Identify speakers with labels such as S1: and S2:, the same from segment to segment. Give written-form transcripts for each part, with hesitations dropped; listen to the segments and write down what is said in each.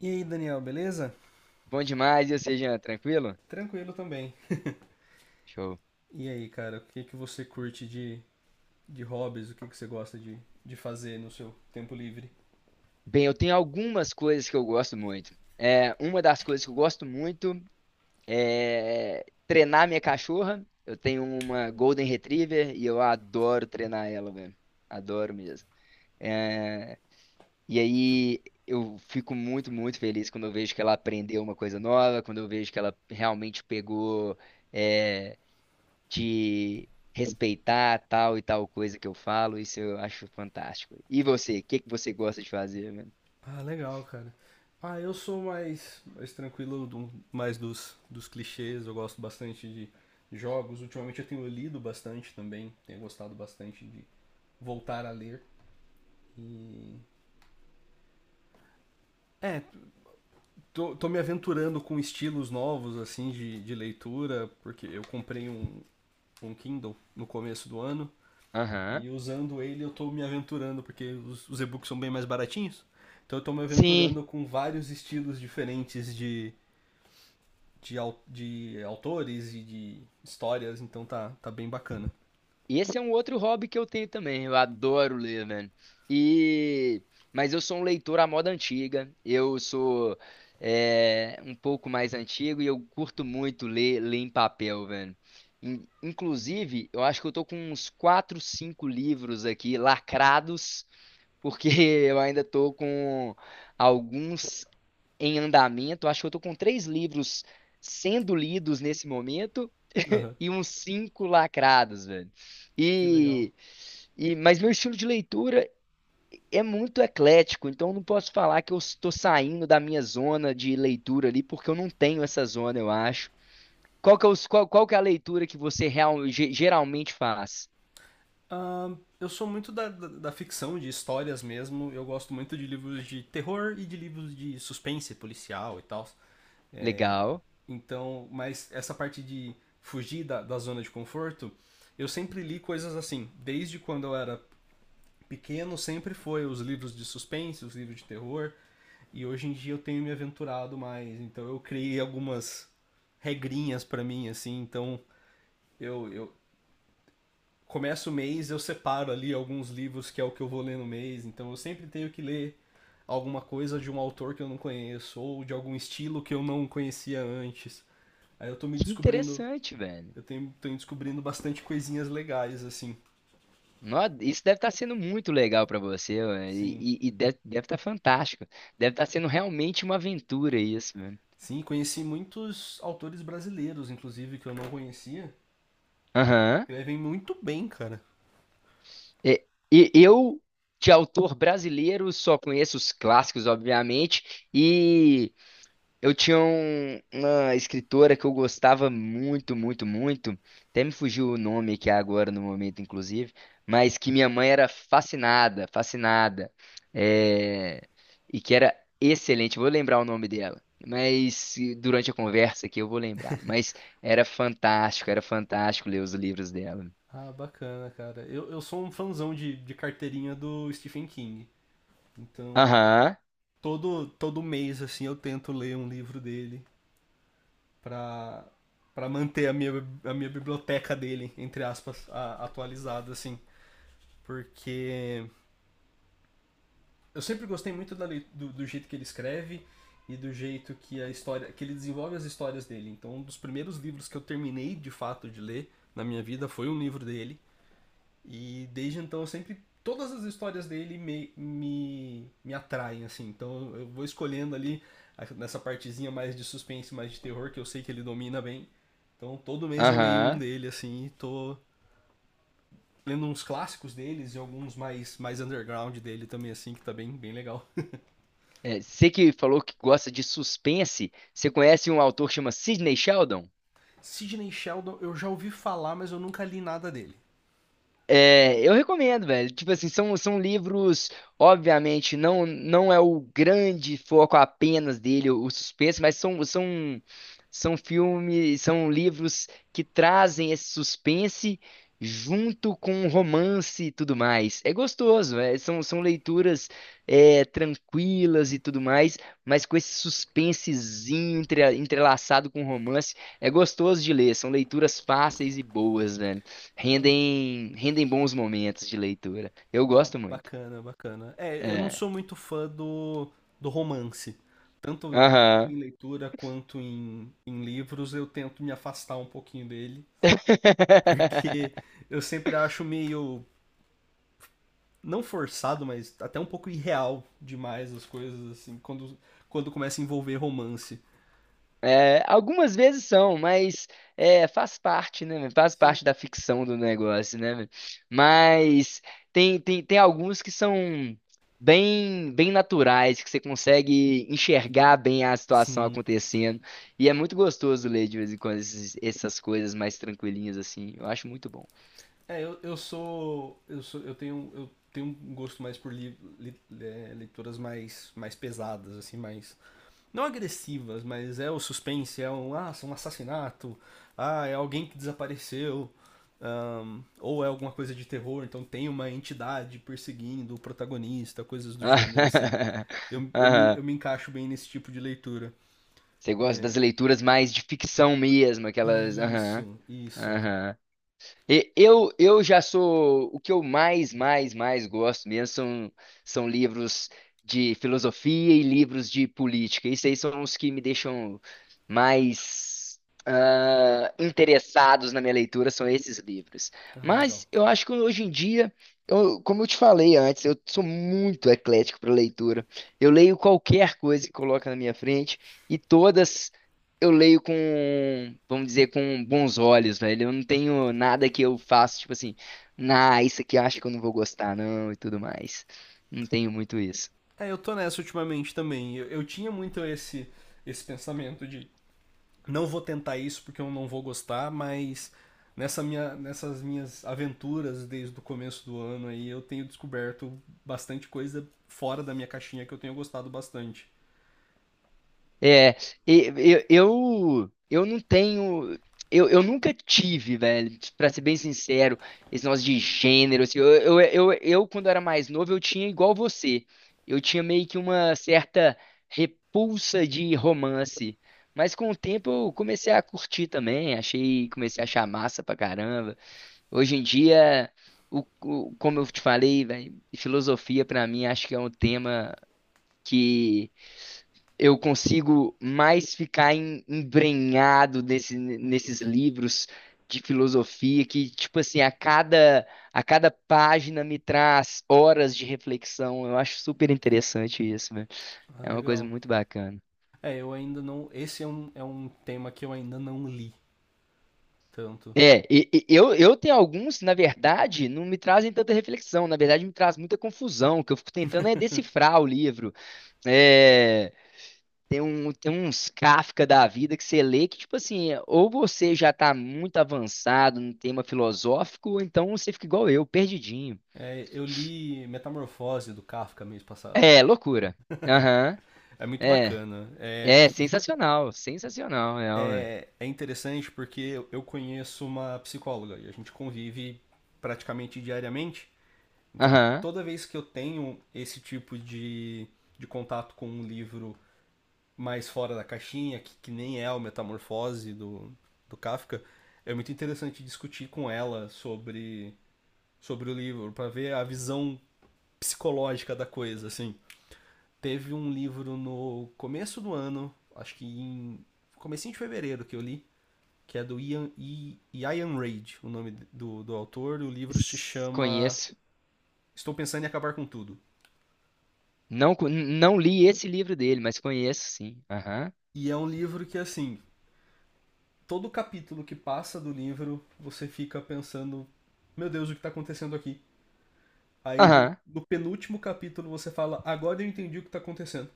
S1: E aí, Daniel, beleza?
S2: Bom demais, e você, Jean? Tranquilo?
S1: Tranquilo também.
S2: Show.
S1: E aí, cara, o que que você curte de hobbies? O que que você gosta de fazer no seu tempo livre?
S2: Bem, eu tenho algumas coisas que eu gosto muito. Uma das coisas que eu gosto muito é treinar minha cachorra. Eu tenho uma Golden Retriever e eu adoro treinar ela, velho. Adoro mesmo. É, e aí eu fico muito, muito feliz quando eu vejo que ela aprendeu uma coisa nova, quando eu vejo que ela realmente pegou. é, de respeitar tal e tal coisa que eu falo, isso eu acho fantástico. E você, o que que você gosta de fazer, velho?
S1: Ah, legal, cara. Ah, eu sou mais tranquilo, mais dos clichês. Eu gosto bastante de jogos. Ultimamente eu tenho lido bastante também. Tenho gostado bastante de voltar a ler. E. É, Tô me aventurando com estilos novos, assim, de leitura, porque eu comprei um Kindle no começo do ano.
S2: Aham.
S1: E usando ele eu tô me aventurando, porque os e-books são bem mais baratinhos. Então eu tô me
S2: Sim,
S1: aventurando com vários estilos diferentes de autores e de histórias, então tá bem bacana.
S2: esse é um outro hobby que eu tenho também. Eu adoro ler, velho. E mas eu sou um leitor à moda antiga. Um pouco mais antigo e eu curto muito ler, ler em papel, velho. Inclusive, eu acho que eu tô com uns quatro, cinco livros aqui lacrados porque eu ainda estou com alguns em andamento. Acho que eu estou com três livros sendo lidos nesse momento
S1: Uhum.
S2: e uns cinco lacrados, velho.
S1: Que legal.
S2: E, e mas meu estilo de leitura é muito eclético, então eu não posso falar que eu estou saindo da minha zona de leitura ali, porque eu não tenho essa zona, eu acho. Qual que é a leitura que você geralmente faz?
S1: Ah, eu sou muito da ficção, de histórias mesmo. Eu gosto muito de livros de terror e de livros de suspense policial e tal.
S2: Legal.
S1: Então, mas essa parte de fugir da zona de conforto, eu sempre li coisas assim. Desde quando eu era pequeno, sempre foi os livros de suspense, os livros de terror. E hoje em dia eu tenho me aventurado mais. Então eu criei algumas regrinhas para mim, assim. Então eu começo o mês, eu separo ali alguns livros que é o que eu vou ler no mês. Então eu sempre tenho que ler alguma coisa de um autor que eu não conheço ou de algum estilo que eu não conhecia antes. Aí eu tô me
S2: Que
S1: descobrindo.
S2: interessante, velho.
S1: Eu tenho, tenho descobrindo bastante coisinhas legais, assim.
S2: Isso deve estar sendo muito legal para você, mano.
S1: Sim.
S2: E- e deve, Estar fantástico. Deve estar sendo realmente uma aventura isso, mano.
S1: Sim, conheci muitos autores brasileiros, inclusive, que eu não conhecia.
S2: Aham.
S1: Escrevem muito bem, cara.
S2: E, e eu, de autor brasileiro, só conheço os clássicos, obviamente, e eu tinha uma escritora que eu gostava muito, muito, muito. Até me fugiu o nome aqui agora no momento, inclusive, mas que minha mãe era fascinada, fascinada. é, e que era excelente. Vou lembrar o nome dela. Mas durante a conversa aqui eu vou lembrar. Mas era fantástico ler os livros dela.
S1: Ah, bacana, cara. Eu sou um fãzão de carteirinha do Stephen King. Então,
S2: Aham,
S1: todo mês, assim, eu tento ler um livro dele pra, pra manter a a minha biblioteca dele, entre aspas, atualizada, assim. Porque eu sempre gostei muito da do jeito que ele escreve e do jeito que a história que ele desenvolve as histórias dele. Então, um dos primeiros livros que eu terminei de fato de ler na minha vida foi um livro dele e desde então eu sempre todas as histórias dele me atraem assim. Então, eu vou escolhendo ali nessa partezinha mais de suspense, mais de terror que eu sei que ele domina bem. Então, todo mês eu leio um
S2: aham.
S1: dele assim, e tô lendo uns clássicos deles e alguns mais underground dele também assim, que tá bem legal.
S2: É, você que falou que gosta de suspense, você conhece um autor que chama Sidney Sheldon?
S1: Sidney Sheldon, eu já ouvi falar, mas eu nunca li nada dele.
S2: É, eu recomendo, velho. Tipo assim, são livros, obviamente, não não é o grande foco apenas dele, o suspense, mas são são filmes, são livros que trazem esse suspense junto com romance e tudo mais. É gostoso, é, são leituras tranquilas e tudo mais, mas com esse suspensezinho entrelaçado com romance, é gostoso de ler. São leituras fáceis e boas.
S1: Ah,
S2: Rendem, rendem bons momentos de leitura. Eu
S1: ah,
S2: gosto muito.
S1: bacana, bacana. É, eu não
S2: É.
S1: sou muito fã do romance. Tanto
S2: Aham.
S1: em leitura quanto em livros, eu tento me afastar um pouquinho dele. Porque eu sempre acho meio. Não forçado, mas até um pouco irreal demais as coisas, assim, quando começa a envolver romance.
S2: É, algumas vezes são, mas é, faz parte, né, meu? Faz
S1: Sim.
S2: parte da ficção do negócio, né, meu? Mas tem alguns que são bem, bem naturais, que você consegue enxergar bem a situação
S1: Sim.
S2: acontecendo. E é muito gostoso ler de vez em quando essas coisas mais tranquilinhas assim. Eu acho muito bom.
S1: É, eu sou. Eu sou. Eu tenho. Eu tenho um gosto mais por leituras mais pesadas, assim, mais. Não agressivas, mas é o suspense, é um. Ah, é um assassinato. Ah, é alguém que desapareceu. Ah, ou é alguma coisa de terror, então tem uma entidade perseguindo o protagonista, coisas do gênero, assim.
S2: Aham.
S1: Eu me encaixo bem nesse tipo de leitura.
S2: Você gosta das
S1: É,
S2: leituras mais de ficção mesmo, aquelas. Aham.
S1: isso, isso.
S2: Aham. E- eu já sou. O que eu mais gosto mesmo são, são livros de filosofia e livros de política. Isso aí são os que me deixam mais interessados na minha leitura, são esses livros.
S1: Ah, legal.
S2: Mas eu acho que hoje em dia, como eu te falei antes, eu sou muito eclético para leitura. Eu leio qualquer coisa que coloca na minha frente e todas eu leio com, vamos dizer, com bons olhos, velho. Eu não tenho nada que eu faço, tipo assim, nah, isso aqui eu acho que eu não vou gostar, não, e tudo mais. Não tenho muito isso.
S1: É, eu tô nessa ultimamente também. Eu tinha muito esse pensamento de não vou tentar isso porque eu não vou gostar, mas nessa nessas minhas aventuras desde o começo do ano aí, eu tenho descoberto bastante coisa fora da minha caixinha que eu tenho gostado bastante.
S2: É, eu não tenho. Eu nunca tive, velho, pra ser bem sincero, esse negócio de gênero. Assim, eu, quando era mais novo, eu tinha igual você. Eu tinha meio que uma certa repulsa de romance. Mas com o tempo eu comecei a curtir também, comecei a achar massa pra caramba. Hoje em dia, como eu te falei, velho, filosofia pra mim acho que é um tema eu consigo mais ficar embrenhado nesses livros de filosofia que, tipo assim, a cada página me traz horas de reflexão. Eu acho super interessante isso, velho.
S1: Ah,
S2: É uma coisa
S1: legal.
S2: muito bacana.
S1: É, eu ainda não. Esse é é um tema que eu ainda não li tanto.
S2: Eu tenho alguns, na verdade, não me trazem tanta reflexão, na verdade me traz muita confusão, que eu fico tentando é decifrar o livro. É, tem, um, tem uns Kafka da vida que você lê que, tipo assim, ou você já tá muito avançado no tema filosófico, ou então você fica igual eu, perdidinho.
S1: É, eu li Metamorfose do Kafka mês passado.
S2: É, loucura. Aham.
S1: É muito
S2: É.
S1: bacana. É,
S2: É, sensacional. Sensacional, é. Ó.
S1: é, é interessante porque conheço uma psicóloga e a gente convive praticamente diariamente. Então,
S2: Aham.
S1: toda vez que eu tenho esse tipo de contato com um livro mais fora da caixinha, que nem é o Metamorfose do Kafka, é muito interessante discutir com ela sobre o livro, para ver a visão psicológica da coisa, assim. Teve um livro no começo do ano, acho que em comecinho de fevereiro que eu li, que é do Ian Reid, o nome do autor. O livro se chama
S2: Conheço.
S1: Estou Pensando em Acabar com Tudo.
S2: Não, co- não li esse livro dele, mas conheço sim. Aham.
S1: E é um livro que, assim, todo capítulo que passa do livro, você fica pensando, meu Deus, o que está acontecendo aqui? Aí
S2: Aham.
S1: no penúltimo capítulo você fala, agora eu entendi o que está acontecendo.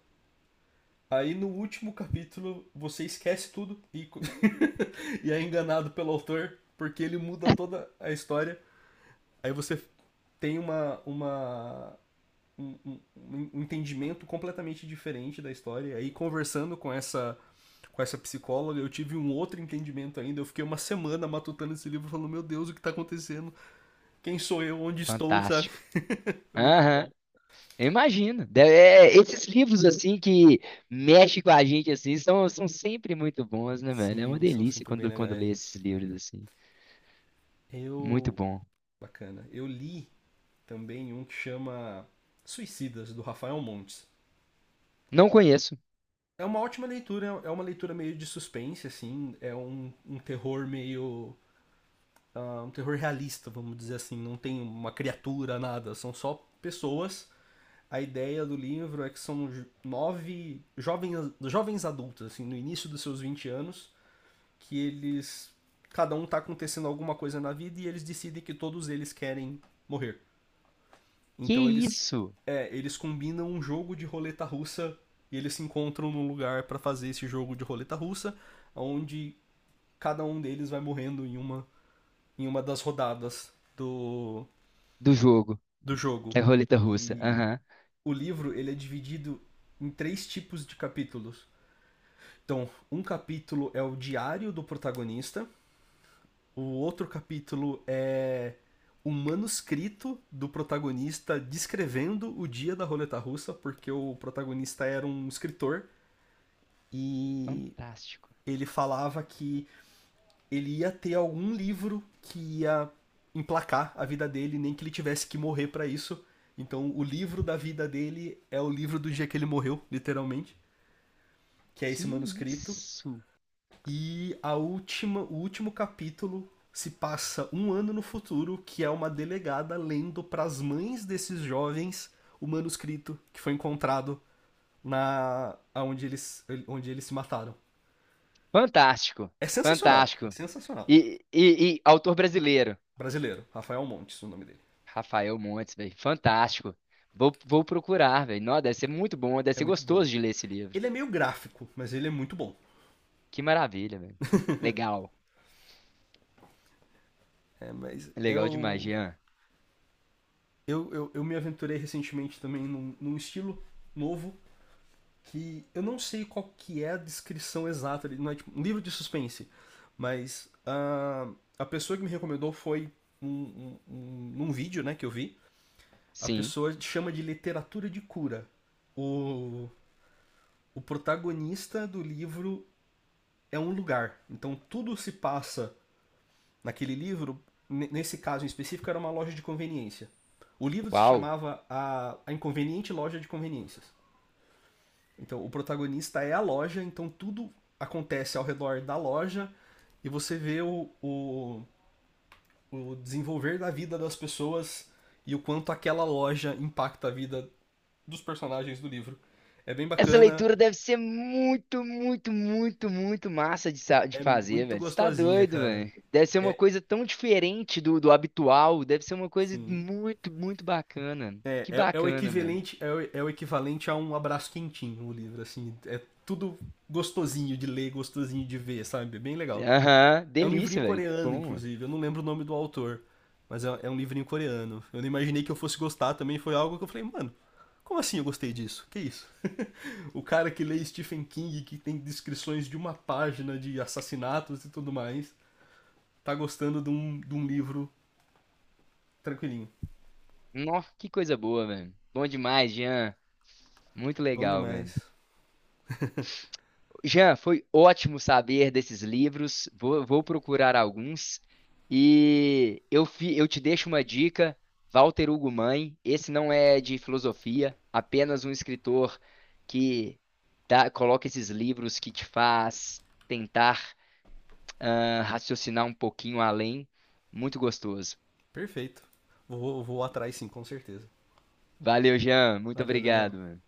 S1: Aí no último capítulo você esquece tudo e e é enganado pelo autor, porque ele muda toda a história. Aí você tem uma um, um- um um entendimento completamente diferente da história. E aí, conversando com com essa psicóloga, eu tive um outro entendimento ainda. Eu fiquei uma semana matutando esse livro, falando: Meu Deus, o que tá acontecendo? Quem sou eu? Onde estou? Sabe?
S2: Fantástico.
S1: É muito bom.
S2: Aham. Eu imagino. É, esses livros assim que mexem com a gente assim são, são sempre muito bons, né, velho? É uma
S1: Sim, são
S2: delícia
S1: sempre bem
S2: quando, quando
S1: legais.
S2: lê esses livros assim. Muito
S1: Eu.
S2: bom.
S1: Bacana. Eu li também um que chama Suicidas, do Rafael Montes.
S2: Não conheço.
S1: É uma ótima leitura, é uma leitura meio de suspense, assim. É um terror meio ah, um terror realista, vamos dizer assim. Não tem uma criatura, nada. São só pessoas. A ideia do livro é que são nove jovens, jovens adultos, assim, no início dos seus 20 anos, que eles. Cada um tá acontecendo alguma coisa na vida e eles decidem que todos eles querem morrer.
S2: Que
S1: Então eles.
S2: isso
S1: É, eles combinam um jogo de roleta russa e eles se encontram num lugar para fazer esse jogo de roleta russa, onde cada um deles vai morrendo em uma das rodadas
S2: do jogo?
S1: do jogo.
S2: É roleta russa.
S1: E
S2: Aham.
S1: o livro ele é dividido em três tipos de capítulos. Então, um capítulo é o diário do protagonista, o outro capítulo é o manuscrito do protagonista descrevendo o dia da roleta russa, porque o protagonista era um escritor e
S2: Fantástico.
S1: ele falava que ele ia ter algum livro que ia emplacar a vida dele, nem que ele tivesse que morrer pra isso. Então, o livro da vida dele é o livro do dia que ele morreu, literalmente, que é
S2: Que
S1: esse manuscrito.
S2: isso?
S1: E a o último capítulo se passa um ano no futuro, que é uma delegada lendo pras mães desses jovens o manuscrito que foi encontrado na aonde eles onde eles se mataram.
S2: Fantástico.
S1: É sensacional,
S2: Fantástico.
S1: sensacional.
S2: E autor brasileiro.
S1: Brasileiro, Rafael Montes, o nome dele.
S2: Rafael Montes, velho. Fantástico. Vou, vou procurar, velho. Nossa, deve ser muito bom, deve
S1: É
S2: ser
S1: muito bom.
S2: gostoso de ler esse livro.
S1: Ele é meio gráfico, mas ele é muito bom.
S2: Que maravilha, velho. Legal.
S1: É, mas
S2: Legal demais, Jean.
S1: eu me aventurei recentemente também num estilo novo que eu não sei qual que é a descrição exata, ele não é tipo um livro de suspense, mas ah, a pessoa que me recomendou foi num vídeo né, que eu vi, a
S2: Sim.
S1: pessoa chama de literatura de cura. O, o protagonista do livro é um lugar, então tudo se passa naquele livro, nesse caso em específico, era uma loja de conveniência. O livro se
S2: Uau.
S1: chamava a Inconveniente Loja de Conveniências. Então, o protagonista é a loja, então tudo acontece ao redor da loja e você vê o desenvolver da vida das pessoas e o quanto aquela loja impacta a vida dos personagens do livro. É bem
S2: Essa
S1: bacana,
S2: leitura deve ser muito, muito, muito, muito massa de
S1: é
S2: fazer,
S1: muito
S2: velho. Você tá
S1: gostosinha,
S2: doido,
S1: cara.
S2: velho. Deve ser uma
S1: É,
S2: coisa tão diferente do habitual. Deve ser uma coisa
S1: sim.
S2: muito, muito bacana. Que
S1: É o
S2: bacana, mano.
S1: equivalente é o equivalente a um abraço quentinho o livro, assim. É tudo gostosinho de ler, gostosinho de ver, sabe? É bem legal.
S2: Aham,
S1: É um livrinho
S2: delícia, velho. Que
S1: coreano,
S2: bom, velho.
S1: inclusive. Eu não lembro o nome do autor, mas é um livrinho coreano. Eu não imaginei que eu fosse gostar também. Foi algo que eu falei, mano, como assim eu gostei disso? Que isso? O cara que lê Stephen King, que tem descrições de uma página de assassinatos e tudo mais, tá gostando de um livro tranquilinho.
S2: Nossa, que coisa boa, velho. Bom demais, Jean. Muito
S1: Bom
S2: legal, velho.
S1: demais.
S2: Jean, foi ótimo saber desses livros. Vou, vou procurar alguns. E eu, eu te deixo uma dica: Walter Hugo Mãe. Esse não é de filosofia, apenas um escritor que coloca esses livros que te faz tentar raciocinar um pouquinho além. Muito gostoso.
S1: Perfeito. Vou atrás sim, com certeza.
S2: Valeu, Jean. Muito
S1: Valeu, Daniel.
S2: obrigado, mano.